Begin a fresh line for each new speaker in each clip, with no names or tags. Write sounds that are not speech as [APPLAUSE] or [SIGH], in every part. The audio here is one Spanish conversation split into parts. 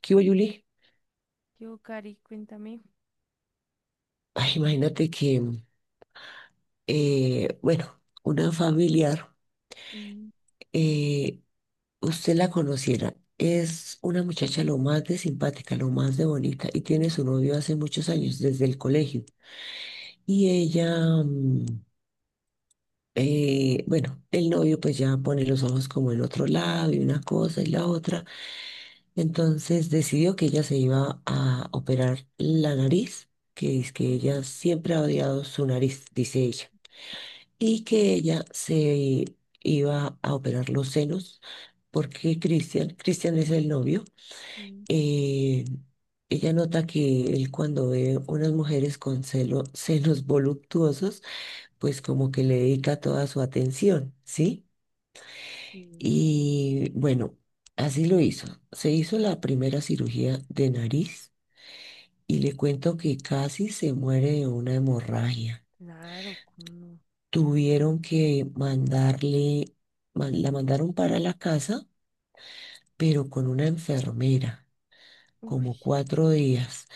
¿Qué hubo, Yuli?
Yo, Cari, cuéntame.
Ay, imagínate que, bueno, una familiar,
Mm,
eh, usted la conociera, es una muchacha lo más de simpática, lo más de bonita, y tiene
sí,
su novio hace muchos años, desde el colegio. Y ella, bueno, el novio pues ya pone los ojos como en otro lado y una cosa y la otra. Entonces decidió que ella se iba a operar la nariz, que es que ella
mm,
siempre ha odiado su nariz, dice ella. Y que ella se iba a operar los senos porque Cristian es el novio,
sí,
eh, ella nota que él cuando ve unas mujeres con senos voluptuosos, pues como que le dedica toda su atención, ¿sí?
sí.
Y bueno, así lo hizo. Se hizo la primera cirugía de nariz y le cuento que casi se muere de una hemorragia.
Claro, cómo no.
Tuvieron que la mandaron para la casa, pero con una enfermera,
Uy.
como cuatro días,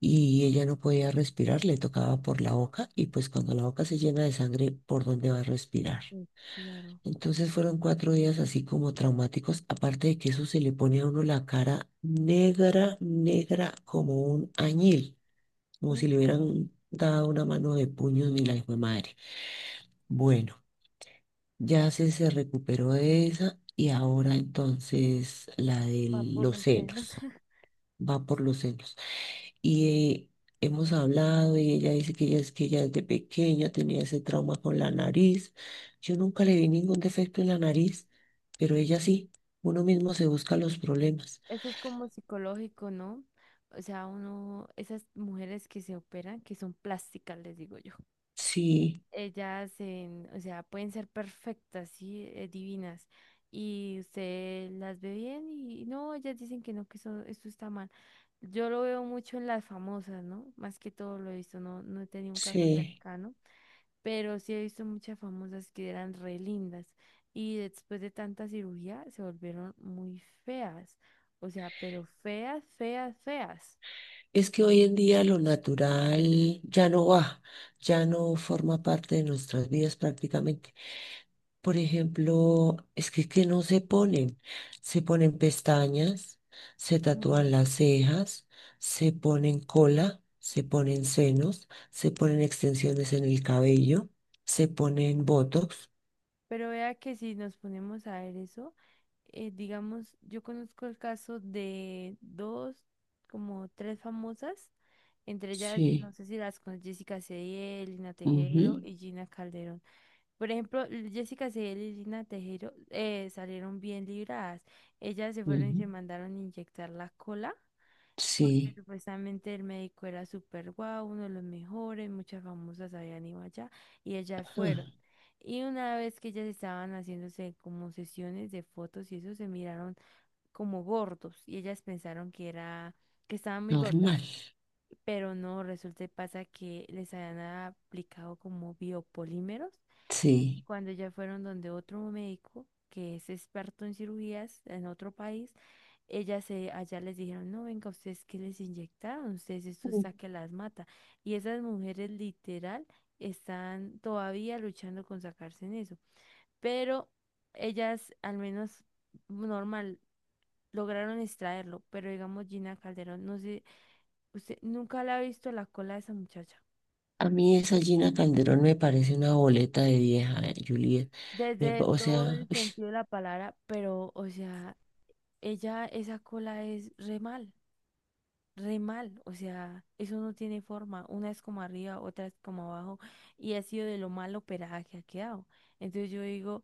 y ella no podía respirar, le tocaba por la boca, y pues cuando la boca se llena de sangre, ¿por dónde va a respirar?
Pues claro.
Entonces fueron cuatro días así como traumáticos, aparte de que eso se le pone a uno la cara negra, negra como un añil, como si
Uf,
le hubieran dado una mano de puños ni la hijo de madre. Bueno. Ya se recuperó de esa y ahora entonces la de
va por
los
los senos.
senos,
[LAUGHS]
va por los senos. Y eh, hemos hablado y ella dice que ella es que ella desde pequeña tenía ese trauma con la nariz. Yo nunca le vi ningún defecto en la nariz, pero ella sí, uno mismo se busca los problemas.
Eso es como psicológico, ¿no? O sea, uno, esas mujeres que se operan, que son plásticas, les digo yo.
Sí,
Ellas, o sea, pueden ser perfectas, sí, divinas. Y usted las ve bien y no, ellas dicen que no, que eso, esto está mal. Yo lo veo mucho en las famosas, ¿no? Más que todo lo he visto, no, no he tenido un caso
sí.
cercano, pero sí he visto muchas famosas que eran re lindas y después de tanta cirugía se volvieron muy feas. O sea, pero feas, feas, feas.
Es que hoy en día lo natural ya no va, ya no forma parte de nuestras vidas prácticamente. Por ejemplo, que no se ponen. Se ponen pestañas, se tatúan las cejas, se ponen cola, se ponen senos, se ponen extensiones en el cabello, se ponen botox.
Pero vea que si nos ponemos a ver eso, digamos, yo conozco el caso de dos, como tres famosas, entre ellas, no
Sí.
sé si las con Jessica Cediel, Lina Tejero
Ujú,
y Gina Calderón. Por ejemplo, Jessica Cediel y Lina Tejero salieron bien libradas. Ellas se fueron y
ujú,
se mandaron a inyectar la cola porque
sí.
supuestamente el médico era súper guau, uno de los mejores, muchas famosas habían ido allá y ellas
Ah,
fueron. Y una vez que ellas estaban haciéndose como sesiones de fotos y eso, se miraron como gordos y ellas pensaron que era, que estaban muy gordas,
normal.
pero no, resulta y pasa que les habían aplicado como biopolímeros y
Sí.
cuando ya fueron donde otro médico que es experto en cirugías en otro país, ellas se, allá les dijeron, no, venga, ustedes que les inyectaron, ustedes esto
Mm.
está que las mata. Y esas mujeres literal están todavía luchando con sacarse en eso. Pero ellas, al menos normal, lograron extraerlo. Pero digamos, Gina Calderón, no sé, usted nunca la ha visto la cola de esa muchacha.
A mí esa Gina Calderón me parece una boleta de vieja, Juliet.
Desde
O
todo
sea,
el sentido de la palabra, pero, o sea, ella, esa cola es re mal, o sea, eso no tiene forma, una es como arriba, otra es como abajo, y ha sido de lo mal operada que ha quedado. Entonces yo digo,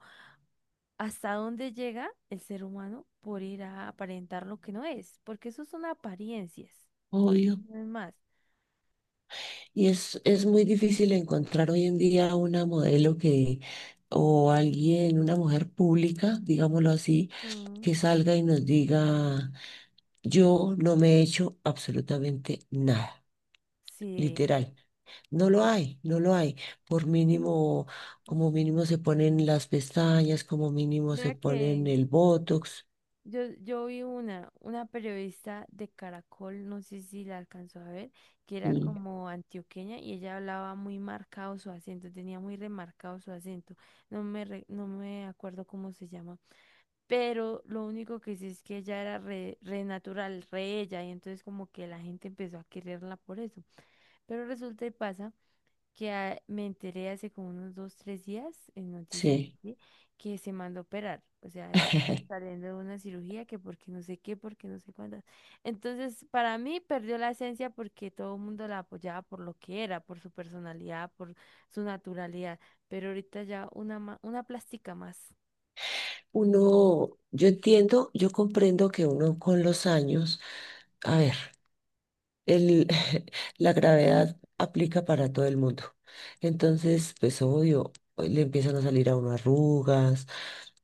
¿hasta dónde llega el ser humano por ir a aparentar lo que no es? Porque eso son apariencias,
uy, obvio.
no es más.
Y es muy difícil encontrar hoy en día una modelo que, o alguien, una mujer pública, digámoslo así,
Mm.
que salga y nos diga, yo no me he hecho absolutamente nada,
Sí.
literal. No lo hay, no lo hay. Por mínimo, como mínimo se ponen las pestañas, como mínimo se
Vea
ponen
que,
el botox.
yo vi una periodista de Caracol, no sé si la alcanzó a ver, que era
Mm,
como antioqueña y ella hablaba muy marcado su acento, tenía muy remarcado su acento, no me, no me acuerdo cómo se llama, pero lo único que sí es que ella era re natural, re ella, y entonces como que la gente empezó a quererla por eso. Pero resulta y pasa que me enteré hace como unos dos, tres días en noticias
sí.
así, que se mandó a operar. O sea, está
[LAUGHS]
saliendo de una cirugía que porque no sé qué, porque no sé cuántas. Entonces, para mí perdió la esencia porque todo el mundo la apoyaba por lo que era, por su personalidad, por su naturalidad. Pero ahorita ya una, una plástica más.
Uno, yo comprendo que uno con los años, a ver. El, [LAUGHS] la gravedad aplica para todo el mundo. Entonces, pues obvio, le empiezan a salir a uno arrugas,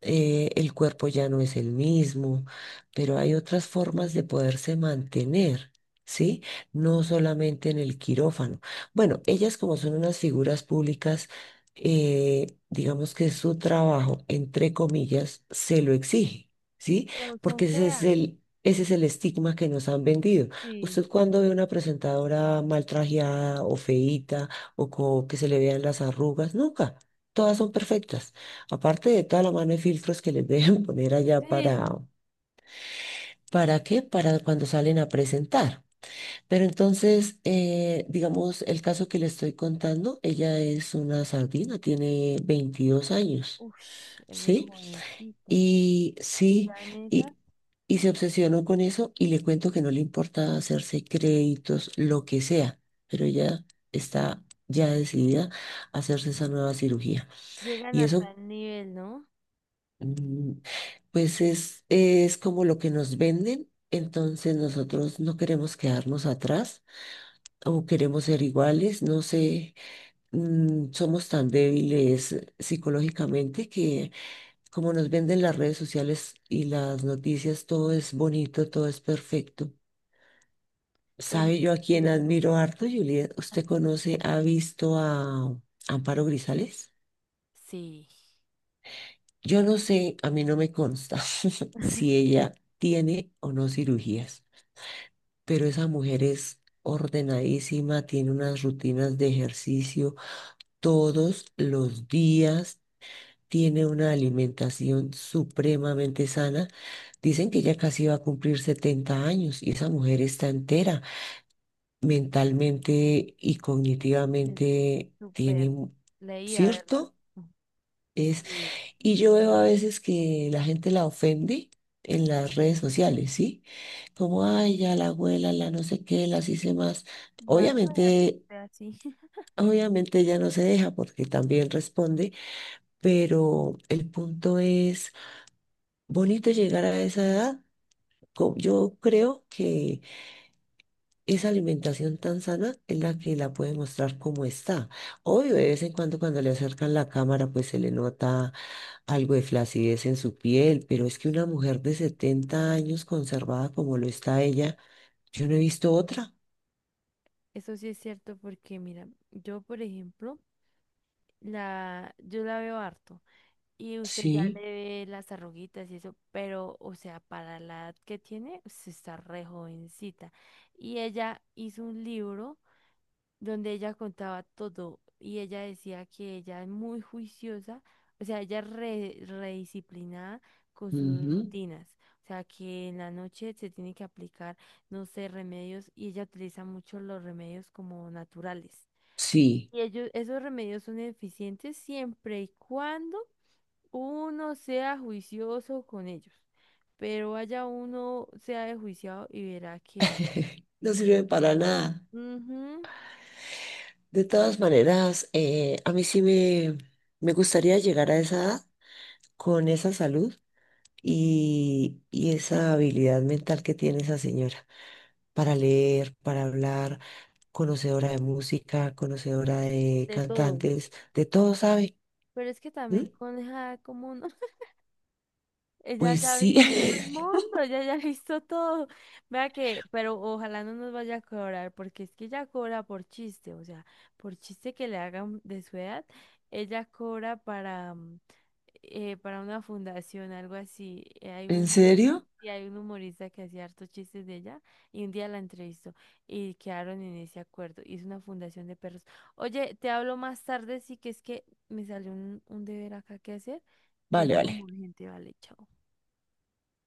el cuerpo ya no es el mismo, pero hay otras formas de poderse mantener, ¿sí? No solamente en el quirófano. Bueno, ellas como son unas figuras públicas, digamos que su trabajo, entre comillas, se lo exige, ¿sí?
Pero son
Porque ese es
feas,
Ese es el estigma que nos han vendido.
sí.
Usted cuando ve una presentadora mal trajeada o feíta o que se le vean las arrugas, nunca. Todas son perfectas. Aparte de toda la mano de filtros que les deben [LAUGHS] poner allá
Sí.
¿para qué? Para cuando salen a presentar. Pero entonces, digamos, el caso que le estoy contando, ella es una sardina, tiene 22 años,
Ush, es re
¿sí?
jovencita.
Y
Y
sí,
ya en esas
y, y se obsesionó con eso y le cuento que no le importa hacerse créditos, lo que sea, pero ella está ya decidida a hacerse esa nueva cirugía.
llegan
Y
a
eso.
tal nivel, ¿no?
Mm, pues es como lo que nos venden, entonces nosotros no queremos quedarnos atrás o queremos ser iguales, no sé, mm, somos tan débiles psicológicamente que como nos venden las redes sociales y las noticias, todo es bonito, todo es perfecto.
Pues
¿Sabe
no.
yo a quién
Sí.
admiro harto, Juliet? ¿Usted
Aquí.
conoce, ha visto a Amparo Grisales?
Sí.
Yo no sé, a mí no me consta [LAUGHS] si
[LAUGHS]
ella tiene o no cirugías, pero esa mujer es ordenadísima, tiene unas rutinas de ejercicio todos los días, tiene una alimentación supremamente sana. Dicen que ella casi va a cumplir 70 años y esa mujer está entera, mentalmente y
Sí, sí,
cognitivamente
súper leída, ¿verdad?
¿cierto? Es.
Sí.
Y yo veo a veces que la gente la ofende en las redes sociales, ¿sí? Como, ay, ya la abuela, la no sé qué, las hice más.
Vaya, vea que
Obviamente,
usted así. [LAUGHS]
obviamente ella no se deja porque también responde, pero el punto es, bonito llegar a esa edad. Yo creo que esa alimentación tan sana es la que la puede mostrar como está. Obvio, de vez en cuando cuando le acercan la cámara, pues se le nota algo de flacidez en su piel, pero es que una mujer de 70 años conservada como lo está ella, yo no he visto otra.
Eso sí es cierto porque, mira, yo, por ejemplo, la, yo la veo harto y usted ya
Sí,
le ve las arruguitas y eso, pero, o sea, para la edad que tiene, se está re jovencita. Y ella hizo un libro. Donde ella contaba todo y ella decía que ella es muy juiciosa, o sea, ella es re, redisciplinada con sus
ujú,
rutinas, o sea, que en la noche se tiene que aplicar, no sé, remedios y ella utiliza mucho los remedios como naturales.
sí,
Y ellos, esos remedios son eficientes siempre y cuando uno sea juicioso con ellos, pero vaya uno sea desjuiciado y verá que no.
[LAUGHS] no sirve para nada.
Ujú,
De todas maneras, a me gustaría llegar a esa edad con esa salud y esa habilidad mental que tiene esa señora. Para leer, para hablar, conocedora de música, conocedora de
de todo.
cantantes, de todo sabe.
Pero es que
¿Mm?
también con esa como no [LAUGHS] ella
Pues
ya
sí,
vivió el
[LAUGHS]
mundo, ella ya [LAUGHS] ha visto todo. Vea que, pero ojalá no nos vaya a cobrar, porque es que ella cobra por chiste, o sea, por chiste que le hagan de su edad, ella cobra para, para una fundación, algo así. Hay un
¿en
humorista,
serio?
hay un humorista que hacía hartos chistes de ella y un día la entrevistó y quedaron en ese acuerdo. Hizo una fundación de perros. Oye, te hablo más tarde, sí que es que me salió un deber acá que hacer y es
Vale,
como
vale.
urgente, vale, chao.